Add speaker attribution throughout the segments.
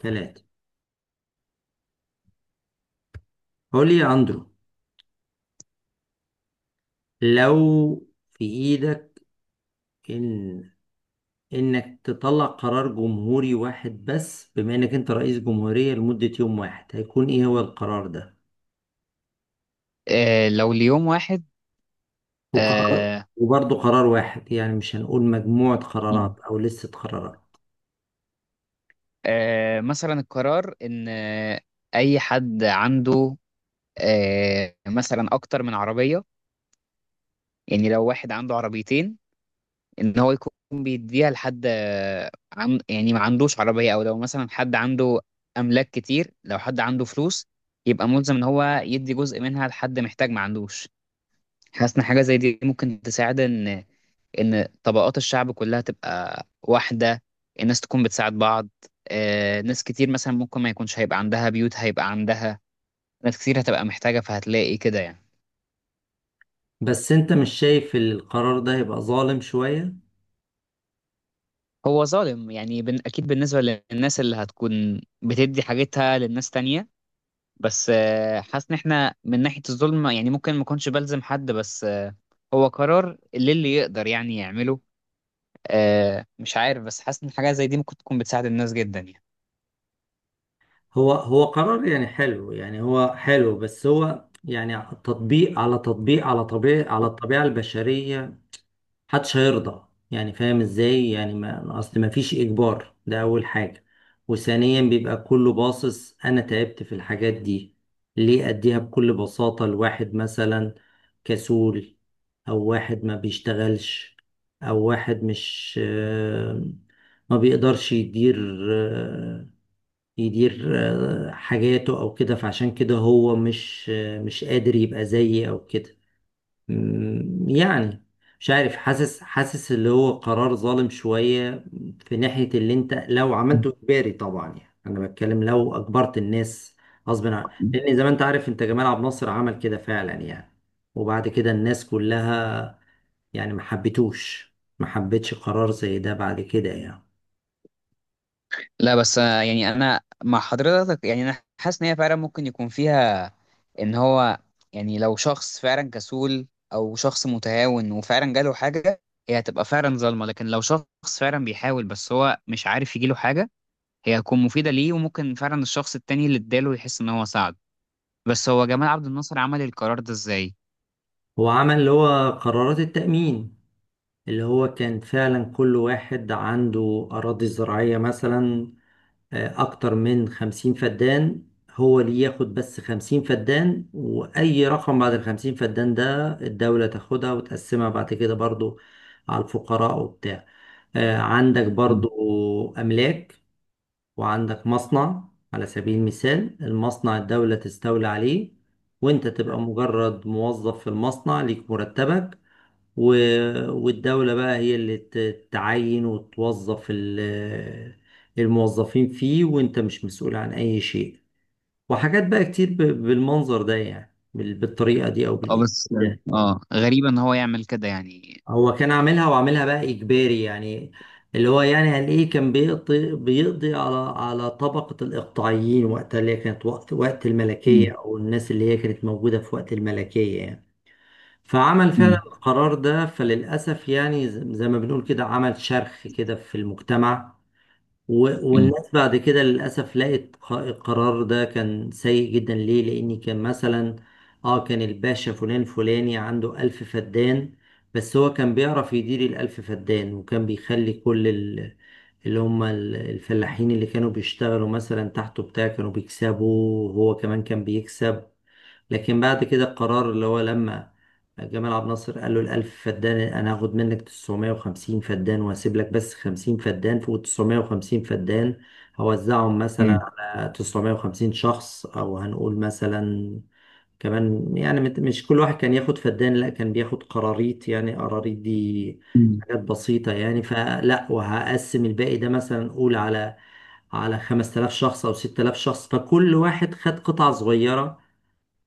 Speaker 1: ثلاثة. قول لي يا أندرو، لو في إيدك إن إنك تطلع قرار جمهوري واحد بس، بما إنك أنت رئيس جمهورية لمدة يوم واحد، هيكون إيه هو القرار ده؟
Speaker 2: آه. لو ليوم واحد.
Speaker 1: وقرار
Speaker 2: آه.
Speaker 1: وبرضه قرار واحد، يعني مش هنقول مجموعة
Speaker 2: مم.
Speaker 1: قرارات أو لستة قرارات.
Speaker 2: مثلا القرار ان اي حد عنده مثلا اكتر من عربية، يعني لو واحد عنده عربيتين، ان هو يكون بيديها لحد عن، يعني ما عندوش عربية، او لو مثلا حد عنده املاك كتير، لو حد عنده فلوس يبقى ملزم ان هو يدي جزء منها لحد محتاج ما عندوش. حاسس ان حاجة زي دي ممكن تساعد ان طبقات الشعب كلها تبقى واحده، الناس تكون بتساعد بعض. ناس كتير مثلا ممكن ما يكونش هيبقى عندها بيوت، هيبقى عندها ناس كتير هتبقى محتاجه، فهتلاقي كده يعني.
Speaker 1: بس أنت مش شايف إن القرار ده هيبقى ظالم شوية؟
Speaker 2: هو ظالم يعني، اكيد بالنسبه للناس اللي هتكون بتدي حاجتها للناس تانية. بس حاسس ان احنا من ناحيه الظلم يعني ممكن ما اكونش بلزم حد. بس هو قرار اللي يقدر يعني يعمله. مش عارف، بس حاسس ان حاجه زي دي ممكن تكون بتساعد الناس جدا.
Speaker 1: هو قرار يعني حلو، يعني هو حلو، بس هو يعني تطبيق على طبيعة على الطبيعة البشرية. محدش هيرضى، يعني فاهم ازاي، يعني ما اصل ما فيش اجبار، ده اول حاجة. وثانيا بيبقى كله باصص، انا تعبت في الحاجات دي ليه اديها بكل بساطة لواحد مثلا كسول، او واحد ما بيشتغلش، او واحد مش ما بيقدرش آه، يدير حاجاته او كده، فعشان كده هو مش قادر يبقى زيي او كده. يعني مش عارف، حاسس اللي هو قرار ظالم شوية في ناحية اللي انت لو عملته اجباري. طبعا يعني انا بتكلم لو اجبرت الناس غصب عن،
Speaker 2: يعني.
Speaker 1: لان زي ما انت عارف، انت جمال عبد الناصر عمل كده فعلا يعني. وبعد كده الناس كلها، يعني ما حبتش قرار زي ده بعد كده يعني.
Speaker 2: لا، بس يعني انا مع حضرتك. يعني انا حاسس ان هي فعلا ممكن يكون فيها، ان هو، يعني لو شخص فعلا كسول او شخص متهاون وفعلا جاله حاجه، هي هتبقى فعلا ظالمه. لكن لو شخص فعلا بيحاول بس هو مش عارف يجيله حاجه، هي هتكون مفيده ليه، وممكن فعلا الشخص التاني اللي اداله يحس ان هو ساعد. بس هو جمال عبد الناصر عمل القرار ده ازاي؟
Speaker 1: هو عمل اللي هو قرارات التأمين، اللي هو كان فعلا كل واحد عنده أراضي زراعية مثلا أكتر من 50 فدان، هو اللي ياخد بس 50 فدان، وأي رقم بعد الـ50 فدان ده الدولة تاخدها وتقسمها بعد كده برضو على الفقراء وبتاع. عندك
Speaker 2: مم.
Speaker 1: برضو أملاك، وعندك مصنع على سبيل المثال، المصنع الدولة تستولي عليه، وانت تبقى مجرد موظف في المصنع ليك مرتبك، و... والدولة بقى هي اللي تعين وتوظف الموظفين فيه، وانت مش مسؤول عن اي شيء. وحاجات بقى كتير بالمنظر ده، يعني بالطريقة دي او
Speaker 2: اه،
Speaker 1: بالاسلوب
Speaker 2: بس يعني
Speaker 1: ده.
Speaker 2: غريب ان هو يعمل كده يعني.
Speaker 1: هو كان عاملها وعاملها بقى اجباري يعني، اللي هو يعني هنلاقيه كان بيقضي على طبقة الإقطاعيين وقتها، اللي هي كانت وقت الملكية،
Speaker 2: مم.
Speaker 1: أو الناس اللي هي كانت موجودة في وقت الملكية يعني. فعمل فعلا
Speaker 2: مم.
Speaker 1: القرار ده، فللأسف يعني زي ما بنقول كده عمل شرخ كده في المجتمع.
Speaker 2: مم.
Speaker 1: والناس بعد كده للأسف لقت القرار ده كان سيء جدا. ليه؟ لأن كان مثلا اه كان الباشا فلان فلاني عنده 1000 فدان، بس هو كان بيعرف يدير الـ1000 فدان، وكان بيخلي كل اللي هم الفلاحين اللي كانوا بيشتغلوا مثلا تحته بتاع كانوا بيكسبوا، وهو كمان كان بيكسب. لكن بعد كده القرار اللي هو لما جمال عبد الناصر قال له الـ1000 فدان، أنا هاخد منك 950 فدان وهسيب لك بس 50 فدان. فوق 950 فدان هوزعهم مثلا على 950 شخص، أو هنقول مثلا كمان، يعني مش كل واحد كان ياخد فدان، لا كان بياخد قراريط، يعني قراريط دي
Speaker 2: مم.
Speaker 1: حاجات بسيطة يعني. فلا، وهقسم الباقي ده مثلا قول على 5000 شخص أو 6000 شخص، فكل واحد خد قطعة صغيرة،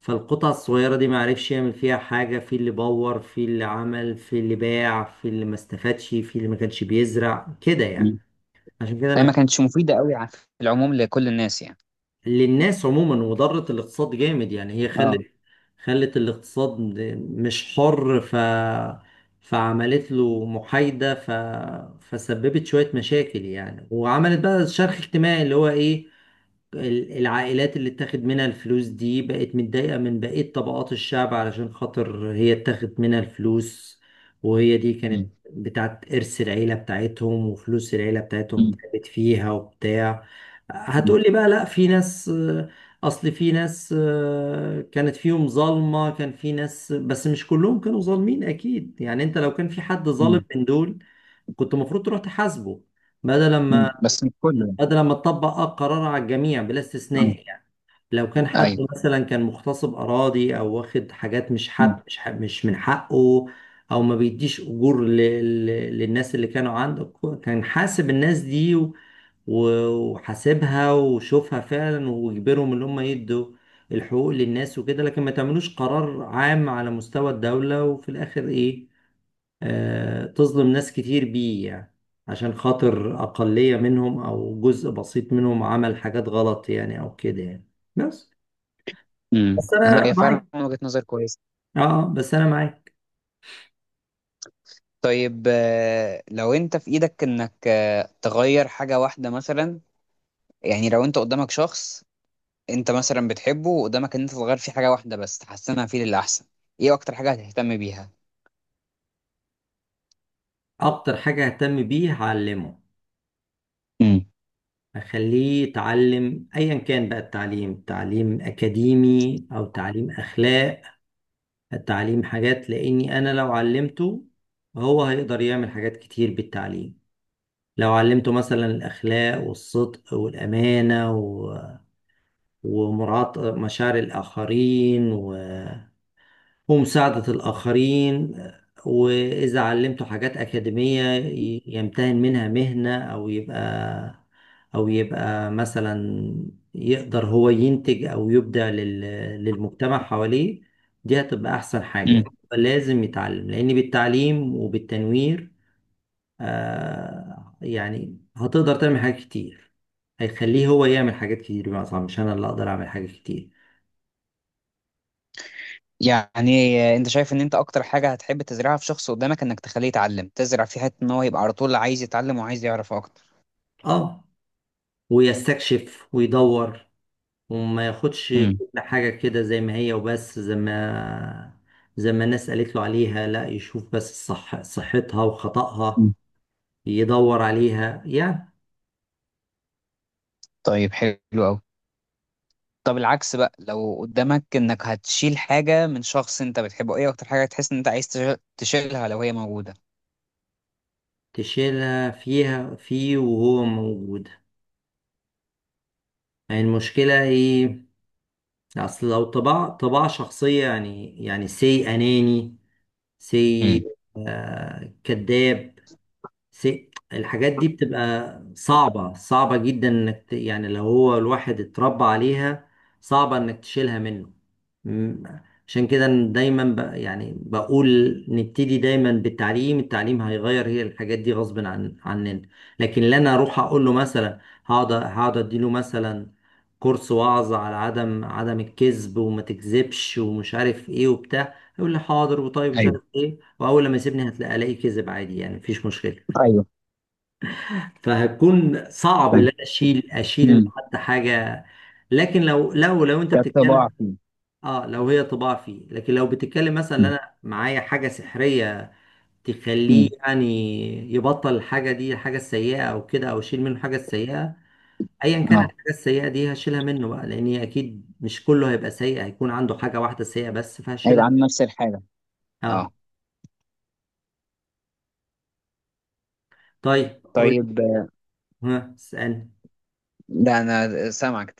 Speaker 1: فالقطع الصغيرة دي معرفش يعمل فيها حاجة، في اللي بور، في اللي عمل، في اللي باع، في اللي ما استفادش، في اللي ما كانش بيزرع كده يعني.
Speaker 2: مم.
Speaker 1: عشان كده
Speaker 2: فهي ما
Speaker 1: أنا،
Speaker 2: كانتش مفيدة قوي في العموم لكل الناس يعني.
Speaker 1: للناس عموما، وضرت الاقتصاد جامد يعني. هي
Speaker 2: اه.
Speaker 1: خلت الاقتصاد مش حر، فعملت له محايدة، فسببت شوية مشاكل يعني، وعملت بقى شرخ اجتماعي اللي هو ايه، العائلات اللي اتاخد منها الفلوس دي بقت متضايقة من بقية طبقات الشعب علشان خاطر هي اتاخد منها الفلوس، وهي دي كانت
Speaker 2: مم.
Speaker 1: بتاعت إرث العيلة بتاعتهم وفلوس العيلة بتاعتهم
Speaker 2: مم.
Speaker 1: تعبت فيها وبتاع.
Speaker 2: مم.
Speaker 1: هتقولي بقى لا، في ناس آه، أصل في ناس كانت فيهم ظالمة، كان في ناس، بس مش كلهم كانوا ظالمين أكيد يعني. أنت لو كان في حد ظالم
Speaker 2: مم.
Speaker 1: من دول، كنت المفروض تروح تحاسبه، بدل ما
Speaker 2: مم. بس مش كله يعني.
Speaker 1: هذا لما اتطبق قرار على الجميع بلا
Speaker 2: مم.
Speaker 1: استثناء يعني. لو كان حد
Speaker 2: ايوه.
Speaker 1: مثلا كان مغتصب اراضي، او واخد حاجات مش حق،
Speaker 2: مم.
Speaker 1: مش من حقه، او ما بيديش اجور ل... للناس اللي كانوا عنده، كان حاسب الناس دي وحاسبها وشوفها فعلا، ويجبرهم ان هم يدوا الحقوق للناس وكده. لكن ما تعملوش قرار عام على مستوى الدولة وفي الاخر ايه، تظلم ناس كتير بيه يعني عشان خاطر أقلية منهم أو جزء بسيط منهم عمل حاجات غلط يعني أو كده يعني. بس بس
Speaker 2: لا،
Speaker 1: أنا
Speaker 2: هي
Speaker 1: معاك.
Speaker 2: فعلا وجهة نظر كويسة.
Speaker 1: بس أنا معاك.
Speaker 2: طيب، لو انت في ايدك انك تغير حاجة واحدة مثلا، يعني لو انت قدامك شخص انت مثلا بتحبه، وقدامك ان انت تغير فيه حاجة واحدة بس تحسنها فيه للأحسن، ايه اكتر حاجة هتهتم بيها؟
Speaker 1: أكتر حاجة أهتم بيه هعلمه،
Speaker 2: مم.
Speaker 1: أخليه يتعلم، أيا كان بقى التعليم، تعليم أكاديمي أو تعليم أخلاق، تعليم حاجات. لأني أنا لو علمته، هو هيقدر يعمل حاجات كتير بالتعليم. لو علمته مثلا الأخلاق والصدق والأمانة، ومراعاة مشاعر الآخرين ومساعدة الآخرين، وإذا علمته حاجات أكاديمية يمتهن منها مهنة، أو يبقى مثلا يقدر هو ينتج أو يبدع للمجتمع حواليه. دي هتبقى أحسن
Speaker 2: مم.
Speaker 1: حاجة لازم يتعلم، لأن بالتعليم وبالتنوير يعني هتقدر تعمل حاجات كتير، هيخليه هو يعمل حاجات كتير، بمعنى أصح مش أنا اللي أقدر أعمل حاجات كتير.
Speaker 2: يعني انت شايف ان انت اكتر حاجة هتحب تزرعها في شخص قدامك انك تخليه يتعلم، تزرع في حتة ان هو يبقى على طول عايز يتعلم وعايز يعرف اكتر.
Speaker 1: اه ويستكشف ويدور، وما ياخدش
Speaker 2: امم
Speaker 1: كل حاجة كده زي ما هي وبس، زي ما الناس قالت له عليها، لا يشوف بس صحتها وخطأها، يدور عليها يعني.
Speaker 2: طيب، حلو قوي. طب العكس بقى، لو قدامك انك هتشيل حاجة من شخص انت بتحبه، ايه اكتر حاجة تحس ان انت عايز تشيلها لو هي موجودة؟
Speaker 1: تشيلها فيه وهو موجود، يعني المشكلة ايه، اصل لو طباع شخصية، يعني سي اناني، سي
Speaker 2: امم.
Speaker 1: كذاب، سي الحاجات دي بتبقى صعبة صعبة جدا انك يعني لو هو الواحد اتربى عليها، صعبة انك تشيلها منه. مم. عشان كده أنا دايما يعني بقول نبتدي دايما بالتعليم. التعليم هيغير، هي الحاجات دي غصب عننا. لكن لا، انا اروح اقول له مثلا، هقعد اديله مثلا كورس وعظ على عدم الكذب وما تكذبش ومش عارف ايه وبتاع، يقول لي حاضر وطيب مش
Speaker 2: ايوه.
Speaker 1: عارف ايه، واول لما يسيبني الاقي كذب عادي يعني، مفيش مشكلة.
Speaker 2: ايوه.
Speaker 1: فهتكون صعب ان
Speaker 2: فاهم.
Speaker 1: انا اشيل إنه
Speaker 2: امم.
Speaker 1: حتى حاجه، لكن لو انت
Speaker 2: كطباع
Speaker 1: بتتكلم،
Speaker 2: فيه.
Speaker 1: اه لو هي طباع فيه. لكن لو بتتكلم مثلا إن
Speaker 2: امم.
Speaker 1: انا معايا حاجه سحريه تخليه
Speaker 2: أمم.
Speaker 1: يعني يبطل الحاجه دي الحاجه السيئه او كده، او اشيل منه الحاجه السيئه، ايا كانت
Speaker 2: اه.
Speaker 1: الحاجه السيئه دي هشيلها منه بقى، لان هي اكيد مش كله هيبقى سيء، هيكون عنده حاجه واحده سيئه بس
Speaker 2: هيبقى
Speaker 1: فهشيلها.
Speaker 2: عن نفس الحاجة.
Speaker 1: اه،
Speaker 2: اه.
Speaker 1: طيب قول لي.
Speaker 2: طيب.
Speaker 1: ها اسالني.
Speaker 2: ده انا سامعك.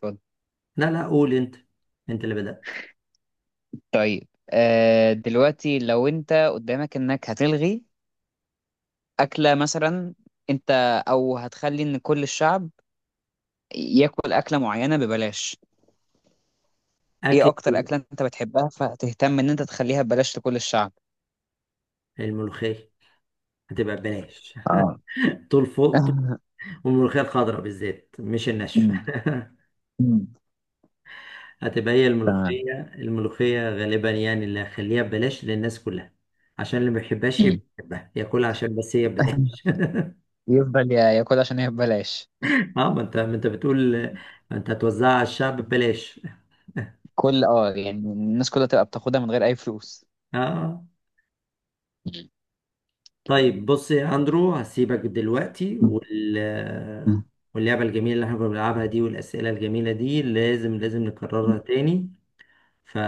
Speaker 1: لا لا، قول انت، انت اللي بدات.
Speaker 2: طيب، دلوقتي لو انت قدامك انك هتلغي أكلة مثلا، انت او هتخلي ان كل الشعب ياكل أكلة معينة ببلاش، ايه
Speaker 1: اكل.
Speaker 2: اكتر أكلة انت بتحبها فتهتم ان انت تخليها ببلاش لكل الشعب؟
Speaker 1: الملوخيه، هتبقى ببلاش
Speaker 2: اه.
Speaker 1: طول فوق. والملوخية الخضراء بالذات، مش الناشفة
Speaker 2: أمم، أمم،
Speaker 1: هتبقى هي
Speaker 2: تمام.
Speaker 1: الملوخية غالبا يعني اللي هخليها ببلاش للناس كلها، عشان اللي ما بيحبهاش
Speaker 2: مم.
Speaker 1: يبقى يحبها ياكلها عشان بس هي ببلاش
Speaker 2: يفضل ياكل عشان هي ببلاش.
Speaker 1: اه، ما انت بتقول، ما انت هتوزعها على الشعب ببلاش.
Speaker 2: كل، يعني الناس كلها تبقى بتاخدها من غير اي فلوس.
Speaker 1: اه،
Speaker 2: مم.
Speaker 1: طيب بص يا اندرو، هسيبك دلوقتي
Speaker 2: أمم،
Speaker 1: واللعبة الجميلة اللي احنا كنا بنلعبها دي والأسئلة الجميلة دي لازم نكررها
Speaker 2: أمم.
Speaker 1: تاني. ف...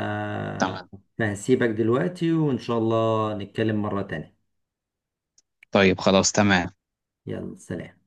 Speaker 2: تمام.
Speaker 1: فهسيبك دلوقتي، وإن شاء الله نتكلم مرة تانية.
Speaker 2: طيب، خلاص، تمام.
Speaker 1: يلا سلام.